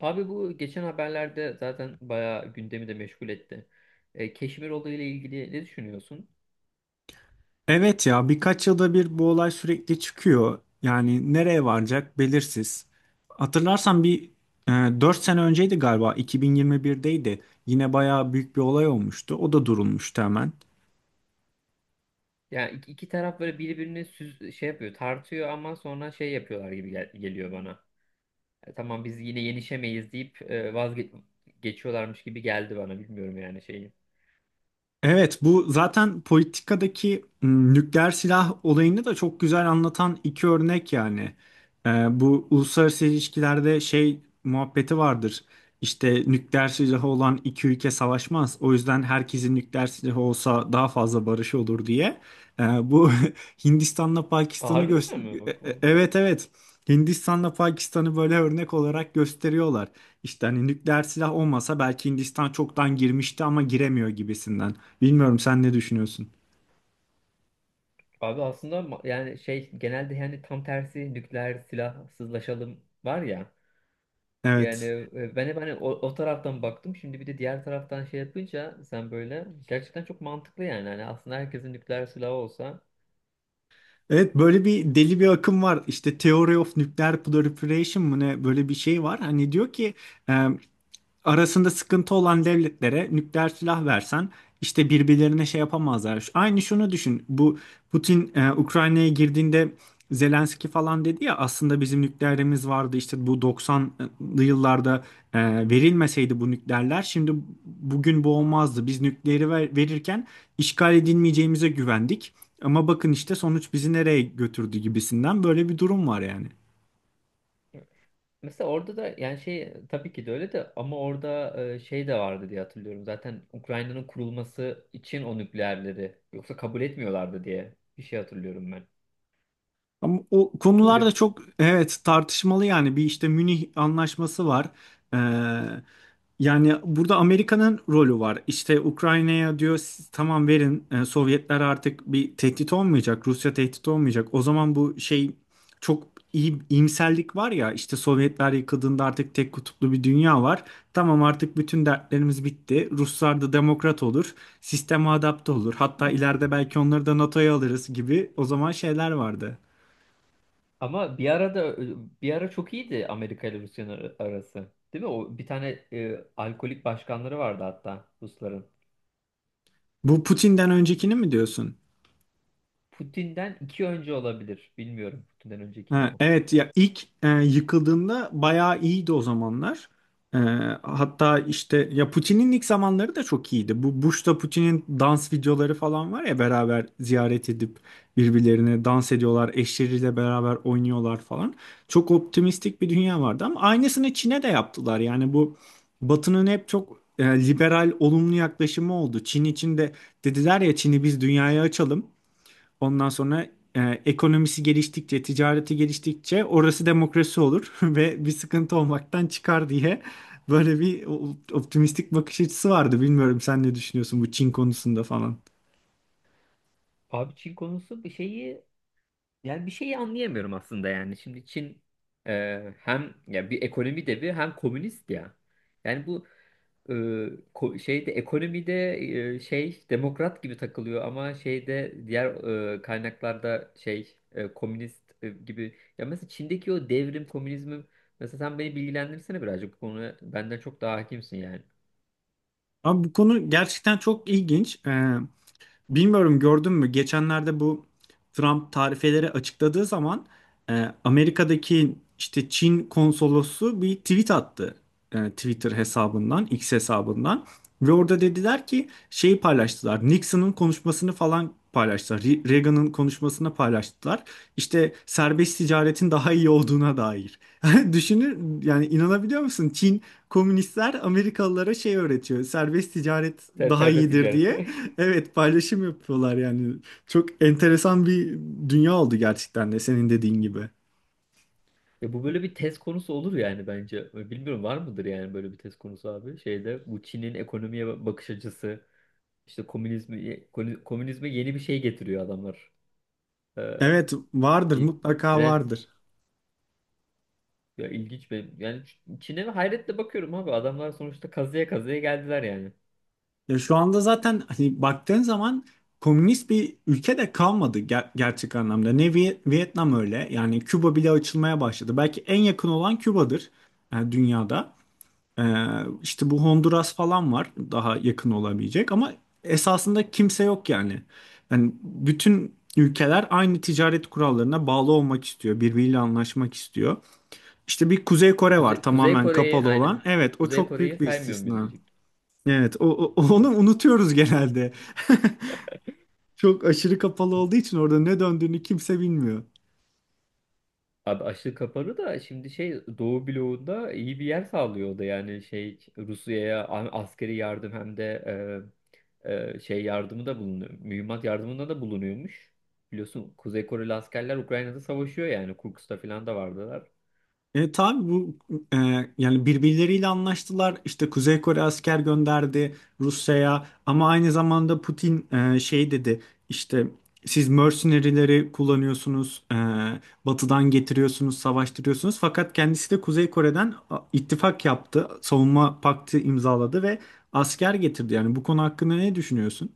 Abi bu geçen haberlerde zaten bayağı gündemi de meşgul etti. Keşmir olayıyla ilgili ne düşünüyorsun? Evet ya birkaç yılda bir bu olay sürekli çıkıyor. Yani nereye varacak belirsiz. Hatırlarsan bir 4 sene önceydi galiba 2021'deydi. Yine bayağı büyük bir olay olmuştu. O da durulmuştu hemen. Yani iki taraf böyle birbirini şey yapıyor, tartıyor ama sonra şey yapıyorlar gibi geliyor bana. Tamam biz yine yenişemeyiz deyip vazge gibi geldi bana, bilmiyorum yani şeyi. Evet, bu zaten politikadaki nükleer silah olayını da çok güzel anlatan iki örnek yani. Bu uluslararası ilişkilerde şey muhabbeti vardır. İşte nükleer silahı olan iki ülke savaşmaz. O yüzden herkesin nükleer silahı olsa daha fazla barış olur diye. Ee, bu Hindistan'la Aa, Pakistan'ı harbiden göster... mi? Bak, o- Evet evet. Hindistan'la Pakistan'ı böyle örnek olarak gösteriyorlar. İşte hani nükleer silah olmasa belki Hindistan çoktan girmişti ama giremiyor gibisinden. Bilmiyorum sen ne düşünüyorsun? abi aslında ma- yani şey genelde yani tam tersi nükleer silahsızlaşalım var ya. Yani Evet. Ben hep hani o taraftan baktım. Şimdi bir de diğer taraftan şey yapınca sen böyle gerçekten çok mantıklı yani. Hani aslında herkesin nükleer silahı olsa. Evet böyle bir deli bir akım var. İşte Theory of Nuclear Proliferation mı ne böyle bir şey var. Hani diyor ki e, arasında sıkıntı olan devletlere nükleer silah versen işte birbirlerine şey yapamazlar. Aynı şunu düşün. Bu Putin Ukrayna'ya girdiğinde Zelenski falan dedi ya aslında bizim nükleerimiz vardı işte bu 90'lı yıllarda e, verilmeseydi bu nükleerler şimdi bugün bu olmazdı. Biz nükleeri verirken işgal edilmeyeceğimize güvendik. Ama bakın işte sonuç bizi nereye götürdü gibisinden böyle bir durum var yani. Mesela orada da yani şey tabii ki de öyle de, ama orada şey de vardı diye hatırlıyorum. Zaten Ukrayna'nın kurulması için o nükleerleri yoksa kabul etmiyorlardı diye bir şey hatırlıyorum ben. Ama o konular da Öyle, çok evet tartışmalı yani bir işte Münih Anlaşması var. Ee, yani burada Amerika'nın rolü var. İşte Ukrayna'ya diyor siz tamam verin Sovyetler artık bir tehdit olmayacak. Rusya tehdit olmayacak. O zaman bu şey çok iyi iyimserlik var ya işte Sovyetler yıkıldığında artık tek kutuplu bir dünya var. Tamam artık bütün dertlerimiz bitti. Ruslar da demokrat olur. Sisteme adapte olur. Hatta ileride belki onları da NATO'ya alırız gibi o zaman şeyler vardı. ama bir ara da bir ara çok iyiydi Amerika ile Rusya'nın ar- arası. Değil mi? O bir tane alkolik başkanları vardı hatta Rusların. Bu Putin'den öncekini mi diyorsun? Putin'den iki önce olabilir. Bilmiyorum Putin'den önce kim Ha, o. evet ya ilk yıkıldığında bayağı iyiydi o zamanlar. E, hatta işte ya Putin'in ilk zamanları da çok iyiydi. Bu Bush'ta Putin'in dans videoları falan var ya beraber ziyaret edip birbirlerine dans ediyorlar, eşleriyle beraber oynuyorlar falan. Çok optimistik bir dünya vardı ama aynısını Çin'e de yaptılar. Yani bu Batı'nın hep çok liberal, olumlu yaklaşımı oldu. Çin için de dediler ya Çin'i biz dünyaya açalım. Ondan sonra e, ekonomisi geliştikçe, ticareti geliştikçe orası demokrasi olur ve bir sıkıntı olmaktan çıkar diye böyle bir optimistik bakış açısı vardı. Bilmiyorum sen ne düşünüyorsun bu Çin konusunda falan. Abi Çin konusu bir şeyi, yani bir şeyi anlayamıyorum aslında yani. Şimdi Çin hem ya bir ekonomi devi hem komünist ya. Yani bu e, ko- şeyde ekonomide şey demokrat gibi takılıyor ama şeyde diğer kaynaklarda şey komünist gibi. Ya mesela Çin'deki o devrim komünizmi, mesela sen beni bilgilendirsene birazcık, bu konuya benden çok daha hakimsin yani. Abi bu konu gerçekten çok ilginç. Bilmiyorum gördün mü? Geçenlerde bu Trump tarifeleri açıkladığı zaman Amerika'daki işte Çin konsolosu bir tweet attı. Twitter hesabından, X hesabından. Ve orada dediler ki şeyi paylaştılar. Nixon'ın konuşmasını falan paylaştılar. Reagan'ın konuşmasını paylaştılar. İşte serbest ticaretin daha iyi olduğuna dair. Düşünür yani inanabiliyor musun? Çin komünistler Amerikalılara şey öğretiyor. Serbest ticaret Ser daha serbest iyidir ticaret. diye. Evet paylaşım yapıyorlar yani. Çok enteresan bir dünya oldu gerçekten de senin dediğin gibi. Ya bu böyle bir tez konusu olur yani bence. Bilmiyorum, var mıdır yani böyle bir tez konusu abi? Şeyde bu Çin'in ekonomiye ba- bakış açısı, işte komünizmi ko- komünizme yeni bir şey getiriyor adamlar. Ee, Evet vardır Bir mutlaka trend, vardır. ya ilginç ve yani Çin'e hayretle bakıyorum abi. Adamlar sonuçta kazıya kazıya geldiler yani. Ya şu anda zaten hani baktığın zaman komünist bir ülke de kalmadı gerçek anlamda. Ne Vietnam öyle yani Küba bile açılmaya başladı. Belki en yakın olan Küba'dır yani dünyada. Ee, işte bu Honduras falan var daha yakın olabilecek ama esasında kimse yok yani. Yani bütün ülkeler aynı ticaret kurallarına bağlı olmak istiyor, birbiriyle anlaşmak istiyor. İşte bir Kuzey Kore var Kuzey tamamen Kore'yi kapalı aynen. olan. Evet, o Kuzey çok Kore'yi büyük bir saymıyor muyuz istisna. diyecek. Evet, onu O, unutuyoruz genelde. Çok aşırı kapalı olduğu için orada ne döndüğünü kimse bilmiyor. abi açlık kapalı da şimdi şey Doğu bloğunda iyi bir yer sağlıyor, o da yani şey Rusya'ya a- askeri yardım, hem de şey yardımı da bulunuyor. Mühimmat yardımında da bulunuyormuş. Biliyorsun Kuzey Koreli askerler Ukrayna'da savaşıyor yani. Kurkus'ta falan da vardılar. Tabii bu e, yani birbirleriyle anlaştılar. İşte Kuzey Kore asker gönderdi Rusya'ya ama aynı zamanda Putin şey dedi işte siz mercenary'leri kullanıyorsunuz, batıdan getiriyorsunuz, savaştırıyorsunuz. Fakat kendisi de Kuzey Kore'den ittifak yaptı, savunma paktı imzaladı ve asker getirdi. Yani bu konu hakkında ne düşünüyorsun?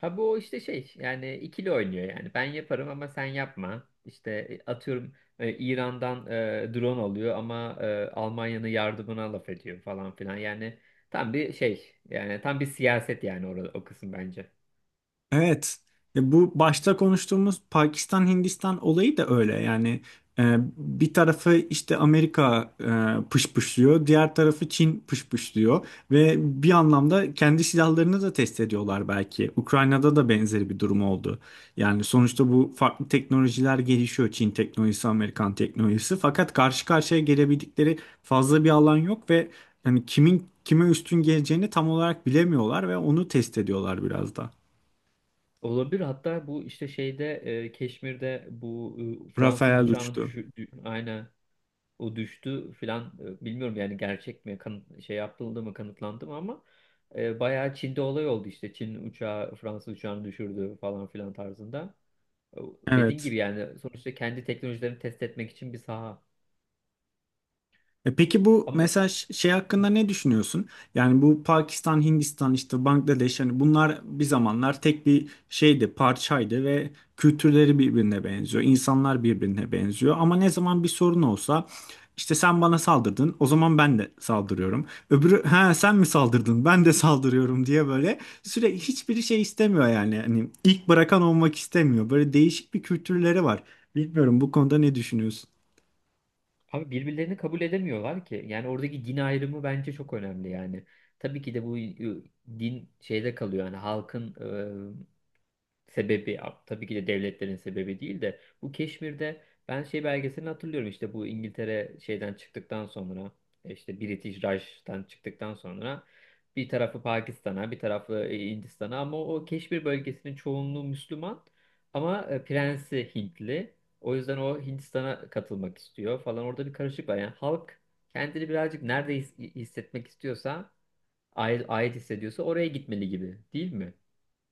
Ha bu işte şey yani ikili oynuyor yani. Ben yaparım ama sen yapma. İşte atıyorum İran'dan drone alıyor ama Almanya'nın yardımına laf ediyor falan filan. Yani tam bir şey yani tam bir siyaset yani orada, o kısım bence. Evet. Bu başta konuştuğumuz Pakistan-Hindistan olayı da öyle. Yani bir tarafı işte Amerika pışpışlıyor, diğer tarafı Çin pışpışlıyor ve bir anlamda kendi silahlarını da test ediyorlar belki. Ukrayna'da da benzeri bir durum oldu. Yani sonuçta bu farklı teknolojiler gelişiyor. Çin teknolojisi, Amerikan teknolojisi. Fakat karşı karşıya gelebildikleri fazla bir alan yok ve hani kimin kime üstün geleceğini tam olarak bilemiyorlar ve onu test ediyorlar biraz da. Olabilir, hatta bu işte şeyde Keşmir'de bu Fransız Rafael uçağını uçtu. düşürdü. Aynen. O düştü filan, bilmiyorum yani, gerçek mi kanıt, şey yapıldı mı, kanıtlandı mı ama bayağı Çin'de olay oldu, işte Çin uçağı Fransız uçağını düşürdü falan filan tarzında. E, Dediğin Evet. gibi yani, sonuçta kendi teknolojilerini test etmek için bir saha. E peki bu Ama mesaj şey hakkında ne düşünüyorsun? Yani bu Pakistan, Hindistan, işte Bangladeş hani bunlar bir zamanlar tek bir şeydi, parçaydı ve kültürleri birbirine benziyor, insanlar birbirine benziyor. Ama ne zaman bir sorun olsa işte sen bana saldırdın, o zaman ben de saldırıyorum. Öbürü ha sen mi saldırdın, ben de saldırıyorum diye böyle sürekli hiçbiri şey istemiyor yani. Hani ilk bırakan olmak istemiyor. Böyle değişik bir kültürleri var. Bilmiyorum bu konuda ne düşünüyorsun? abi birbirlerini kabul edemiyorlar ki. Yani oradaki din ayrımı bence çok önemli yani. Tabii ki de bu din şeyde kalıyor yani, halkın sebebi, tabii ki de devletlerin sebebi değil de, bu Keşmir'de ben şey belgeselini hatırlıyorum, işte bu İngiltere şeyden çıktıktan sonra, işte British Raj'dan çıktıktan sonra bir tarafı Pakistan'a, bir tarafı Hindistan'a, ama o Keşmir bölgesinin çoğunluğu Müslüman ama prensi Hintli. O yüzden o Hindistan'a katılmak istiyor falan, orada bir karışık var. Yani halk kendini birazcık nerede hissetmek istiyorsa, ait hissediyorsa oraya gitmeli gibi, değil mi?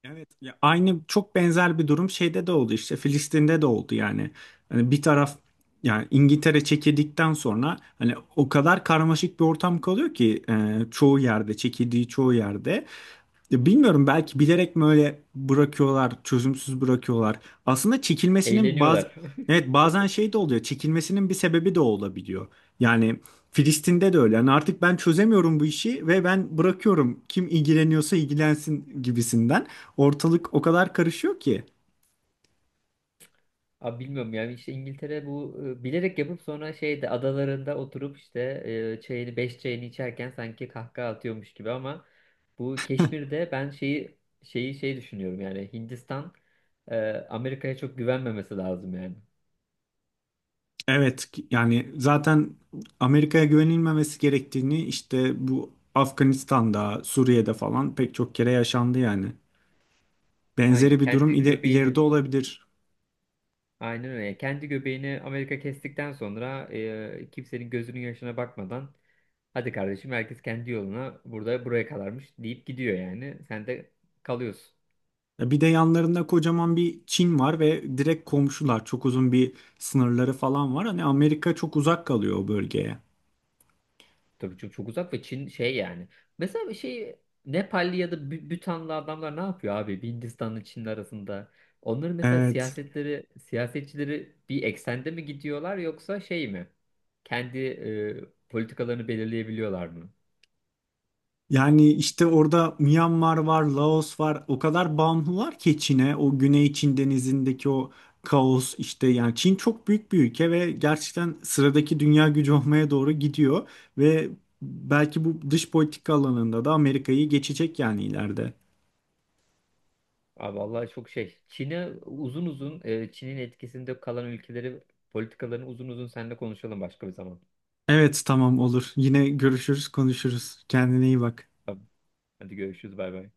Evet, ya aynı çok benzer bir durum şeyde de oldu işte Filistin'de de oldu yani. Hani bir taraf yani İngiltere çekildikten sonra hani o kadar karmaşık bir ortam kalıyor ki çoğu yerde çekildiği çoğu yerde. Ya bilmiyorum belki bilerek mi öyle bırakıyorlar, çözümsüz bırakıyorlar. Aslında çekilmesinin bazı Eğleniyorlar. evet bazen şey de oluyor. Çekilmesinin bir sebebi de olabiliyor. Yani Filistin'de de öyle. Yani artık ben çözemiyorum bu işi ve ben bırakıyorum. Kim ilgileniyorsa ilgilensin gibisinden. Ortalık o kadar karışıyor ki. Abi bilmiyorum yani, işte İngiltere bu bilerek yapıp sonra şeyde adalarında oturup işte çayını beş çayını içerken sanki kahkaha atıyormuş gibi, ama bu Keşmir'de ben şeyi şey düşünüyorum yani, Hindistan Amerika'ya çok güvenmemesi lazım yani. Evet yani zaten Amerika'ya güvenilmemesi gerektiğini işte bu Afganistan'da, Suriye'de falan pek çok kere yaşandı yani. Aynen Benzeri bir durum kendi ileride göbeğini, olabilir. aynen öyle. Yani kendi göbeğini Amerika kestikten sonra kimsenin gözünün yaşına bakmadan, hadi kardeşim herkes kendi yoluna, burada buraya kalarmış deyip gidiyor yani, sen de kalıyorsun. Ya bir de yanlarında kocaman bir Çin var ve direkt komşular. Çok uzun bir sınırları falan var. Hani Amerika çok uzak kalıyor o bölgeye. Tabii çok uzak ve Çin şey yani. Mesela şey Nepalli ya da Bü- Bütanlı adamlar ne yapıyor abi? Bir Hindistan'la Çin arasında. Onların mesela Evet. siyasetleri, siyasetçileri bir eksende mi gidiyorlar yoksa şey mi? Kendi politikalarını belirleyebiliyorlar mı? Yani işte orada Myanmar var, Laos var. O kadar bağımlılar ki Çin'e, o Güney Çin Denizi'ndeki o kaos işte yani Çin çok büyük bir ülke ve gerçekten sıradaki dünya gücü olmaya doğru gidiyor ve belki bu dış politika alanında da Amerika'yı geçecek yani ileride. Abi vallahi çok şey. Çin'e uzun uzun, Çin'in etkisinde kalan ülkeleri, politikalarını uzun uzun seninle konuşalım başka bir zaman. Evet tamam olur. Yine görüşürüz, konuşuruz. Kendine iyi bak. Tamam. Hadi görüşürüz, bay bay.